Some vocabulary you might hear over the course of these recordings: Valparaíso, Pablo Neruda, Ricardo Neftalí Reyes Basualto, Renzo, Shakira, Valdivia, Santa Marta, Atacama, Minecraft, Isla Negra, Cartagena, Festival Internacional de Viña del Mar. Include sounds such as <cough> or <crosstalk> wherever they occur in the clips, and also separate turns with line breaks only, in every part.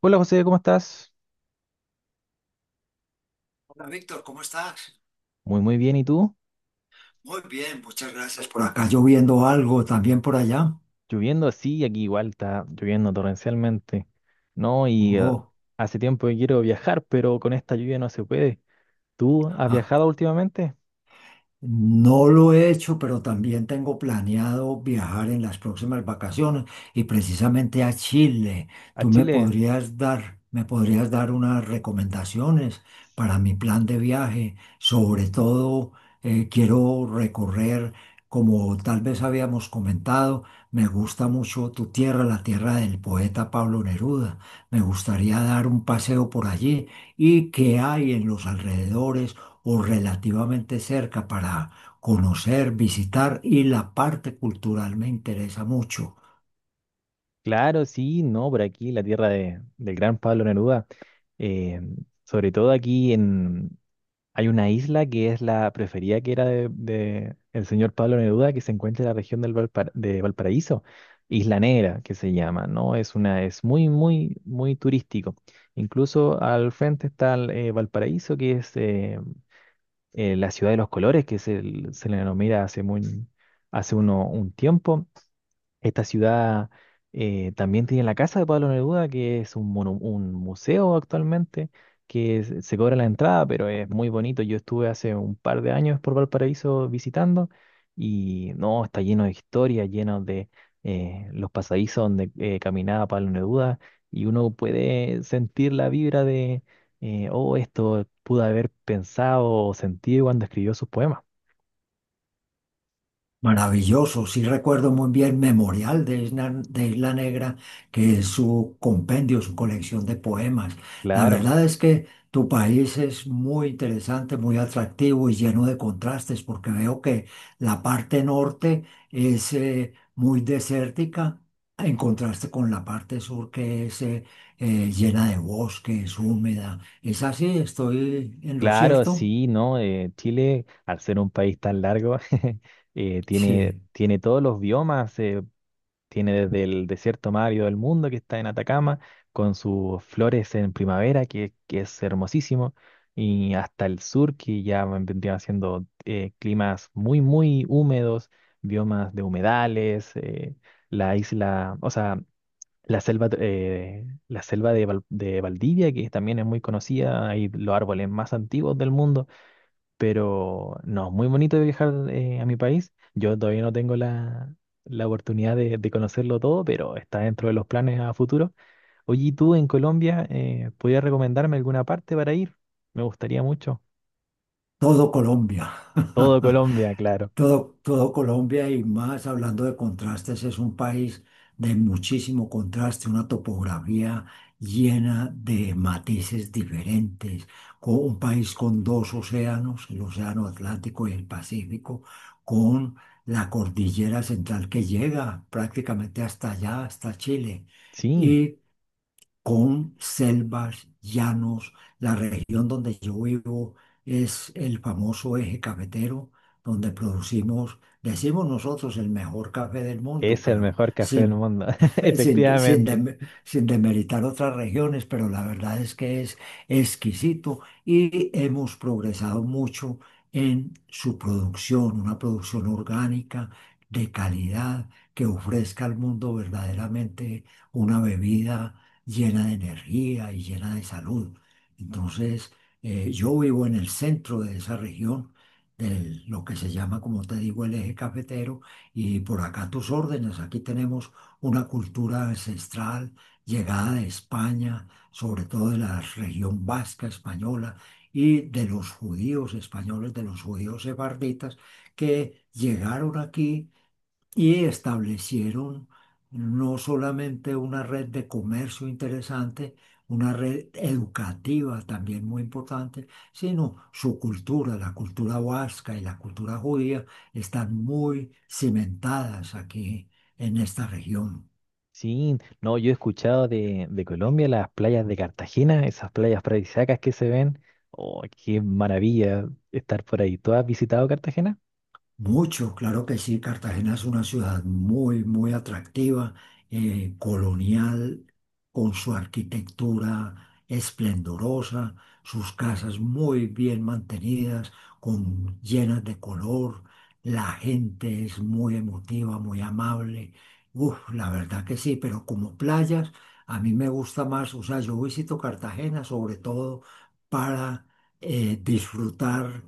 Hola José, ¿cómo estás?
Hola Víctor, ¿cómo estás?
Muy muy bien, ¿y tú?
Muy bien, muchas gracias. Por acá lloviendo algo, también por allá.
Lloviendo así, aquí igual está lloviendo torrencialmente, ¿no?
Oh,
Hace tiempo que quiero viajar, pero con esta lluvia no se puede. ¿Tú has
<laughs>
viajado últimamente?
No lo he hecho, pero también tengo planeado viajar en las próximas vacaciones y precisamente a Chile.
¿A
¿Tú
Chile?
me podrías dar unas recomendaciones para mi plan de viaje? Sobre todo, quiero recorrer, como tal vez habíamos comentado, me gusta mucho tu tierra, la tierra del poeta Pablo Neruda. Me gustaría dar un paseo por allí y qué hay en los alrededores o relativamente cerca para conocer, visitar y la parte cultural me interesa mucho.
Claro, sí, no, por aquí, la del gran Pablo Neruda. Eh, Sobre todo hay una isla que es la preferida que era de el señor Pablo Neruda, que se encuentra en la región de Valparaíso, Isla Negra, que se llama, ¿no? Es muy, muy, muy turístico. Incluso al frente está Valparaíso, que es la ciudad de los colores, se le denomina hace uno, un tiempo. Esta ciudad también tiene la casa de Pablo Neruda, que es un museo actualmente, que se cobra la entrada, pero es muy bonito. Yo estuve hace un par de años por Valparaíso visitando y no, está lleno de historia, lleno de los pasadizos donde caminaba Pablo Neruda y uno puede sentir la vibra de, oh, esto pudo haber pensado o sentido cuando escribió sus poemas.
Maravilloso, sí recuerdo muy bien Memorial de Isla Negra, que es su compendio, su colección de poemas. La
Claro.
verdad es que tu país es muy interesante, muy atractivo y lleno de contrastes, porque veo que la parte norte es muy desértica, en contraste con la parte sur que es llena de bosques, húmeda. ¿Es así? ¿Estoy en lo
Claro,
cierto?
sí, ¿no? Chile, al ser un país tan largo, <laughs>
Sí,
tiene todos los biomas, tiene desde el desierto más árido del mundo, que está en Atacama, con sus flores en primavera, que es hermosísimo, y hasta el sur, que ya vendrían siendo climas muy, muy húmedos, biomas de humedales, la isla, o sea, la selva, de Valdivia, que también es muy conocida, hay los árboles más antiguos del mundo, pero no, muy bonito de viajar a mi país. Yo todavía no tengo la oportunidad de conocerlo todo, pero está dentro de los planes a futuro. Oye, ¿y tú en Colombia podrías recomendarme alguna parte para ir? Me gustaría mucho.
todo Colombia.
Todo
<laughs>
Colombia, claro.
Todo, todo Colombia y más hablando de contrastes, es un país de muchísimo contraste, una topografía llena de matices diferentes, con un país con dos océanos, el Océano Atlántico y el Pacífico, con la cordillera central que llega prácticamente hasta allá, hasta Chile,
Sí,
y con selvas, llanos. La región donde yo vivo es el famoso eje cafetero, donde producimos, decimos nosotros, el mejor café del mundo,
es el
pero
mejor café del
sin
mundo, <laughs>
<laughs> sin, de- sin,
efectivamente.
dem- sin demeritar otras regiones, pero la verdad es que es exquisito y hemos progresado mucho en su producción, una producción orgánica de calidad que ofrezca al mundo verdaderamente una bebida llena de energía y llena de salud. Entonces, yo vivo en el centro de esa región, de lo que se llama, como te digo, el eje cafetero, y por acá a tus órdenes, aquí tenemos una cultura ancestral llegada de España, sobre todo de la región vasca española y de los judíos españoles, de los judíos sefarditas, que llegaron aquí y establecieron no solamente una red de comercio interesante, una red educativa también muy importante, sino su cultura, la cultura vasca y la cultura judía están muy cimentadas aquí en esta región.
Sí, no, yo he escuchado de Colombia las playas de Cartagena, esas playas paradisíacas que se ven. Oh, qué maravilla estar por ahí. ¿Tú has visitado Cartagena?
Mucho, claro que sí. Cartagena es una ciudad muy, muy atractiva, colonial, con su arquitectura esplendorosa, sus casas muy bien mantenidas, con, llenas de color. La gente es muy emotiva, muy amable. Uf, la verdad que sí, pero como playas, a mí me gusta más, o sea, yo visito Cartagena sobre todo para disfrutar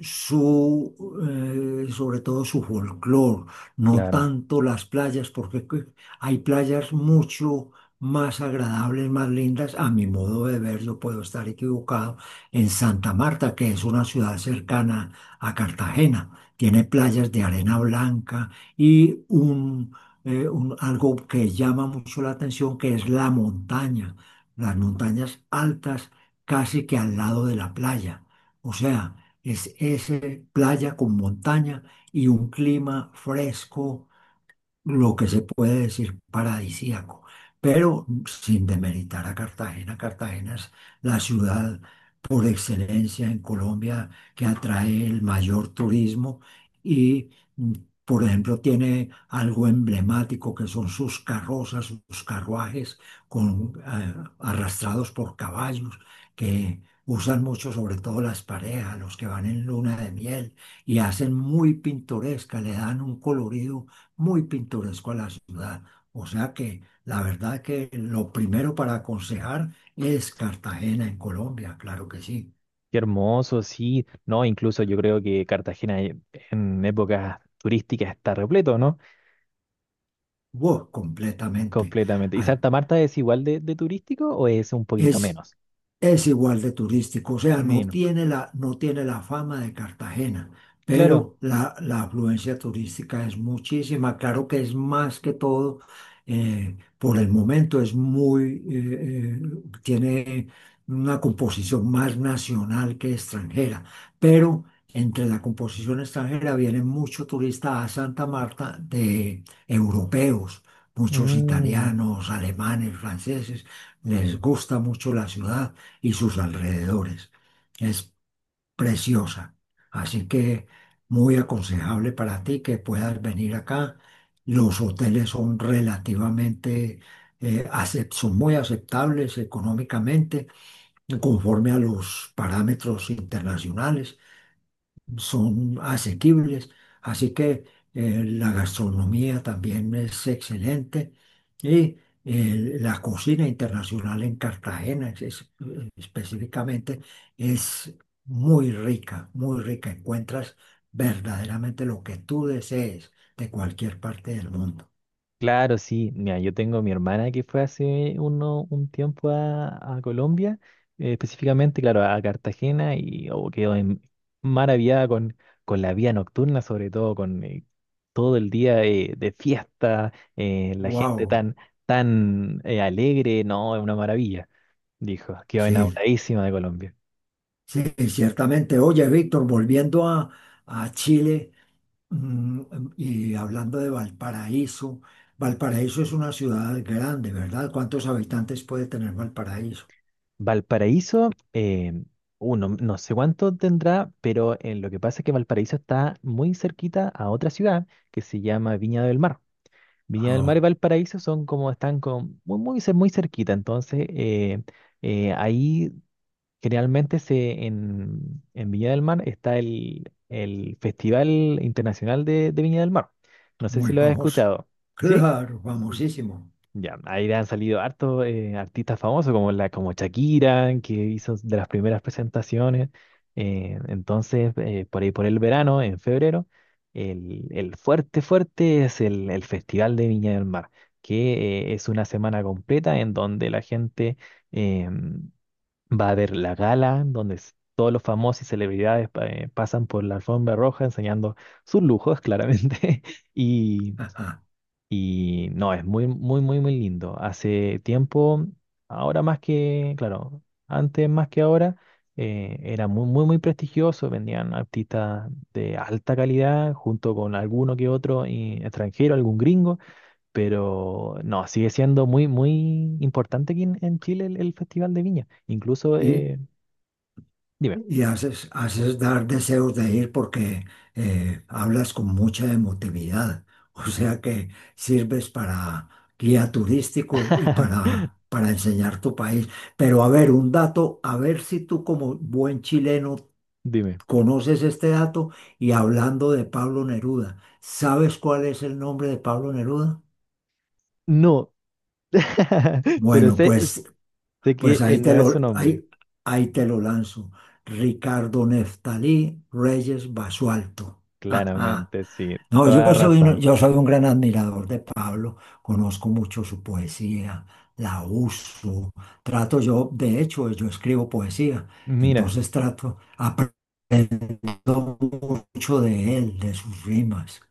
su, sobre todo su folclore, no
Claro.
tanto las playas, porque hay playas mucho más agradables, más lindas, a mi modo de verlo, puedo estar equivocado, en Santa Marta, que es una ciudad cercana a Cartagena. Tiene playas de arena blanca y un, algo que llama mucho la atención, que es la montaña, las montañas altas casi que al lado de la playa. O sea, es playa con montaña y un clima fresco, lo que se puede decir paradisíaco, pero sin demeritar a Cartagena. Cartagena es la ciudad por excelencia en Colombia que atrae el mayor turismo y, mm, por ejemplo, tiene algo emblemático que son sus carrozas, sus carruajes con, arrastrados por caballos que... Usan mucho, sobre todo las parejas, los que van en luna de miel y hacen muy pintoresca, le dan un colorido muy pintoresco a la ciudad. O sea que la verdad que lo primero para aconsejar es Cartagena en Colombia, claro que sí.
Qué hermoso, sí. No, incluso yo creo que en épocas turísticas está repleto, ¿no?
Wow, completamente.
Completamente. ¿Y
Ay,
Santa Marta es igual de turístico o es un poquito
es
menos?
Es igual de turístico, o sea, no
Menos.
tiene la, no tiene la fama de Cartagena,
Claro.
pero la afluencia turística es muchísima. Claro que es más que todo, por el momento es muy, tiene una composición más nacional que extranjera, pero entre la composición extranjera vienen muchos turistas a Santa Marta de europeos, muchos
Mm,
italianos, alemanes, franceses, les gusta mucho la ciudad y sus alrededores. Es preciosa. Así que muy aconsejable para ti que puedas venir acá. Los hoteles son relativamente, son muy aceptables económicamente, conforme a los parámetros internacionales son asequibles, así que la gastronomía también es excelente y la cocina internacional en Cartagena específicamente es muy rica, muy rica. Encuentras verdaderamente lo que tú desees de cualquier parte del mundo.
claro, sí. Mira, yo tengo mi hermana que fue hace uno, un tiempo a Colombia, específicamente, claro, a Cartagena y maravillada con la vida nocturna, sobre todo todo el día de fiesta, la gente
Wow,
tan alegre, no, es una maravilla, dijo. Quedó
sí,
enamoradísima de Colombia.
sí, ciertamente. Oye, Víctor, volviendo a Chile. Mm, Y hablando de Valparaíso, Valparaíso es una ciudad grande, ¿verdad? ¿Cuántos habitantes puede tener Valparaíso?
Valparaíso, no, no sé cuánto tendrá, pero lo que pasa es que Valparaíso está muy cerquita a otra ciudad que se llama Viña del Mar. Viña del Mar y
Ah,
Valparaíso son como están con, muy, muy cerquita, entonces ahí generalmente en Viña del Mar está el Festival Internacional de Viña del Mar. No sé si
muy
lo has
famoso.
escuchado. ¿Sí?
Claro,
Mm.
famosísimo.
Ya, ahí han salido hartos artistas famosos como Shakira, que hizo de las primeras presentaciones. Entonces, por ahí por el verano, en febrero, fuerte es el Festival de Viña del Mar, que es una semana completa en donde la gente... em, Va a haber la gala, donde todos los famosos y celebridades pasan por la alfombra roja enseñando sus lujos, claramente. <laughs> Y,
Ajá.
no, es muy, muy, muy, muy lindo. Hace tiempo, ahora más que, claro, antes más que ahora, era muy, muy, muy prestigioso. Vendían artistas de alta calidad junto con alguno que otro extranjero, algún gringo. Pero no, sigue siendo muy, muy importante aquí en Chile el Festival de Viña. Incluso
Y,
Dime.
y haces dar deseos de ir porque hablas con mucha emotividad. O sea que sirves para guía turístico y
<laughs>
para enseñar tu país. Pero a ver, un dato, a ver si tú como buen chileno
Dime.
conoces este dato y hablando de Pablo Neruda, ¿sabes cuál es el nombre de Pablo Neruda?
No. <laughs> Pero
Bueno,
sé,
pues,
sé que
pues ahí te
no es su
lo,
nombre.
ahí, ahí te lo lanzo. Ricardo Neftalí Reyes Basualto. <laughs> Ajá.
Claramente, sí.
No,
Toda razón.
yo soy un gran admirador de Pablo, conozco mucho su poesía, la uso, trato yo, de hecho, yo escribo poesía,
Mira,
entonces trato, aprendo mucho de él, de sus rimas.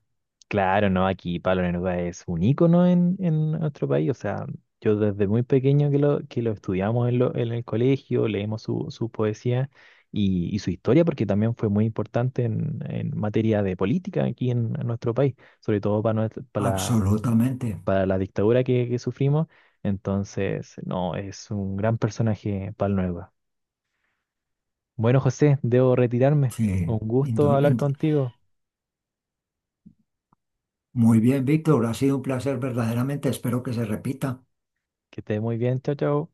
claro, no, aquí Pablo Neruda es un ícono en nuestro país. O sea, yo desde muy pequeño que que lo estudiamos en el colegio, leemos su poesía y su historia, porque también fue muy importante en materia de política aquí en nuestro país, sobre todo para,
Absolutamente.
para la dictadura que sufrimos. Entonces, no, es un gran personaje Nueva. Bueno, José, debo retirarme.
Sí.
Un gusto hablar contigo.
Muy bien, Víctor. Ha sido un placer verdaderamente. Espero que se repita.
Que estés muy bien. Chao, chao.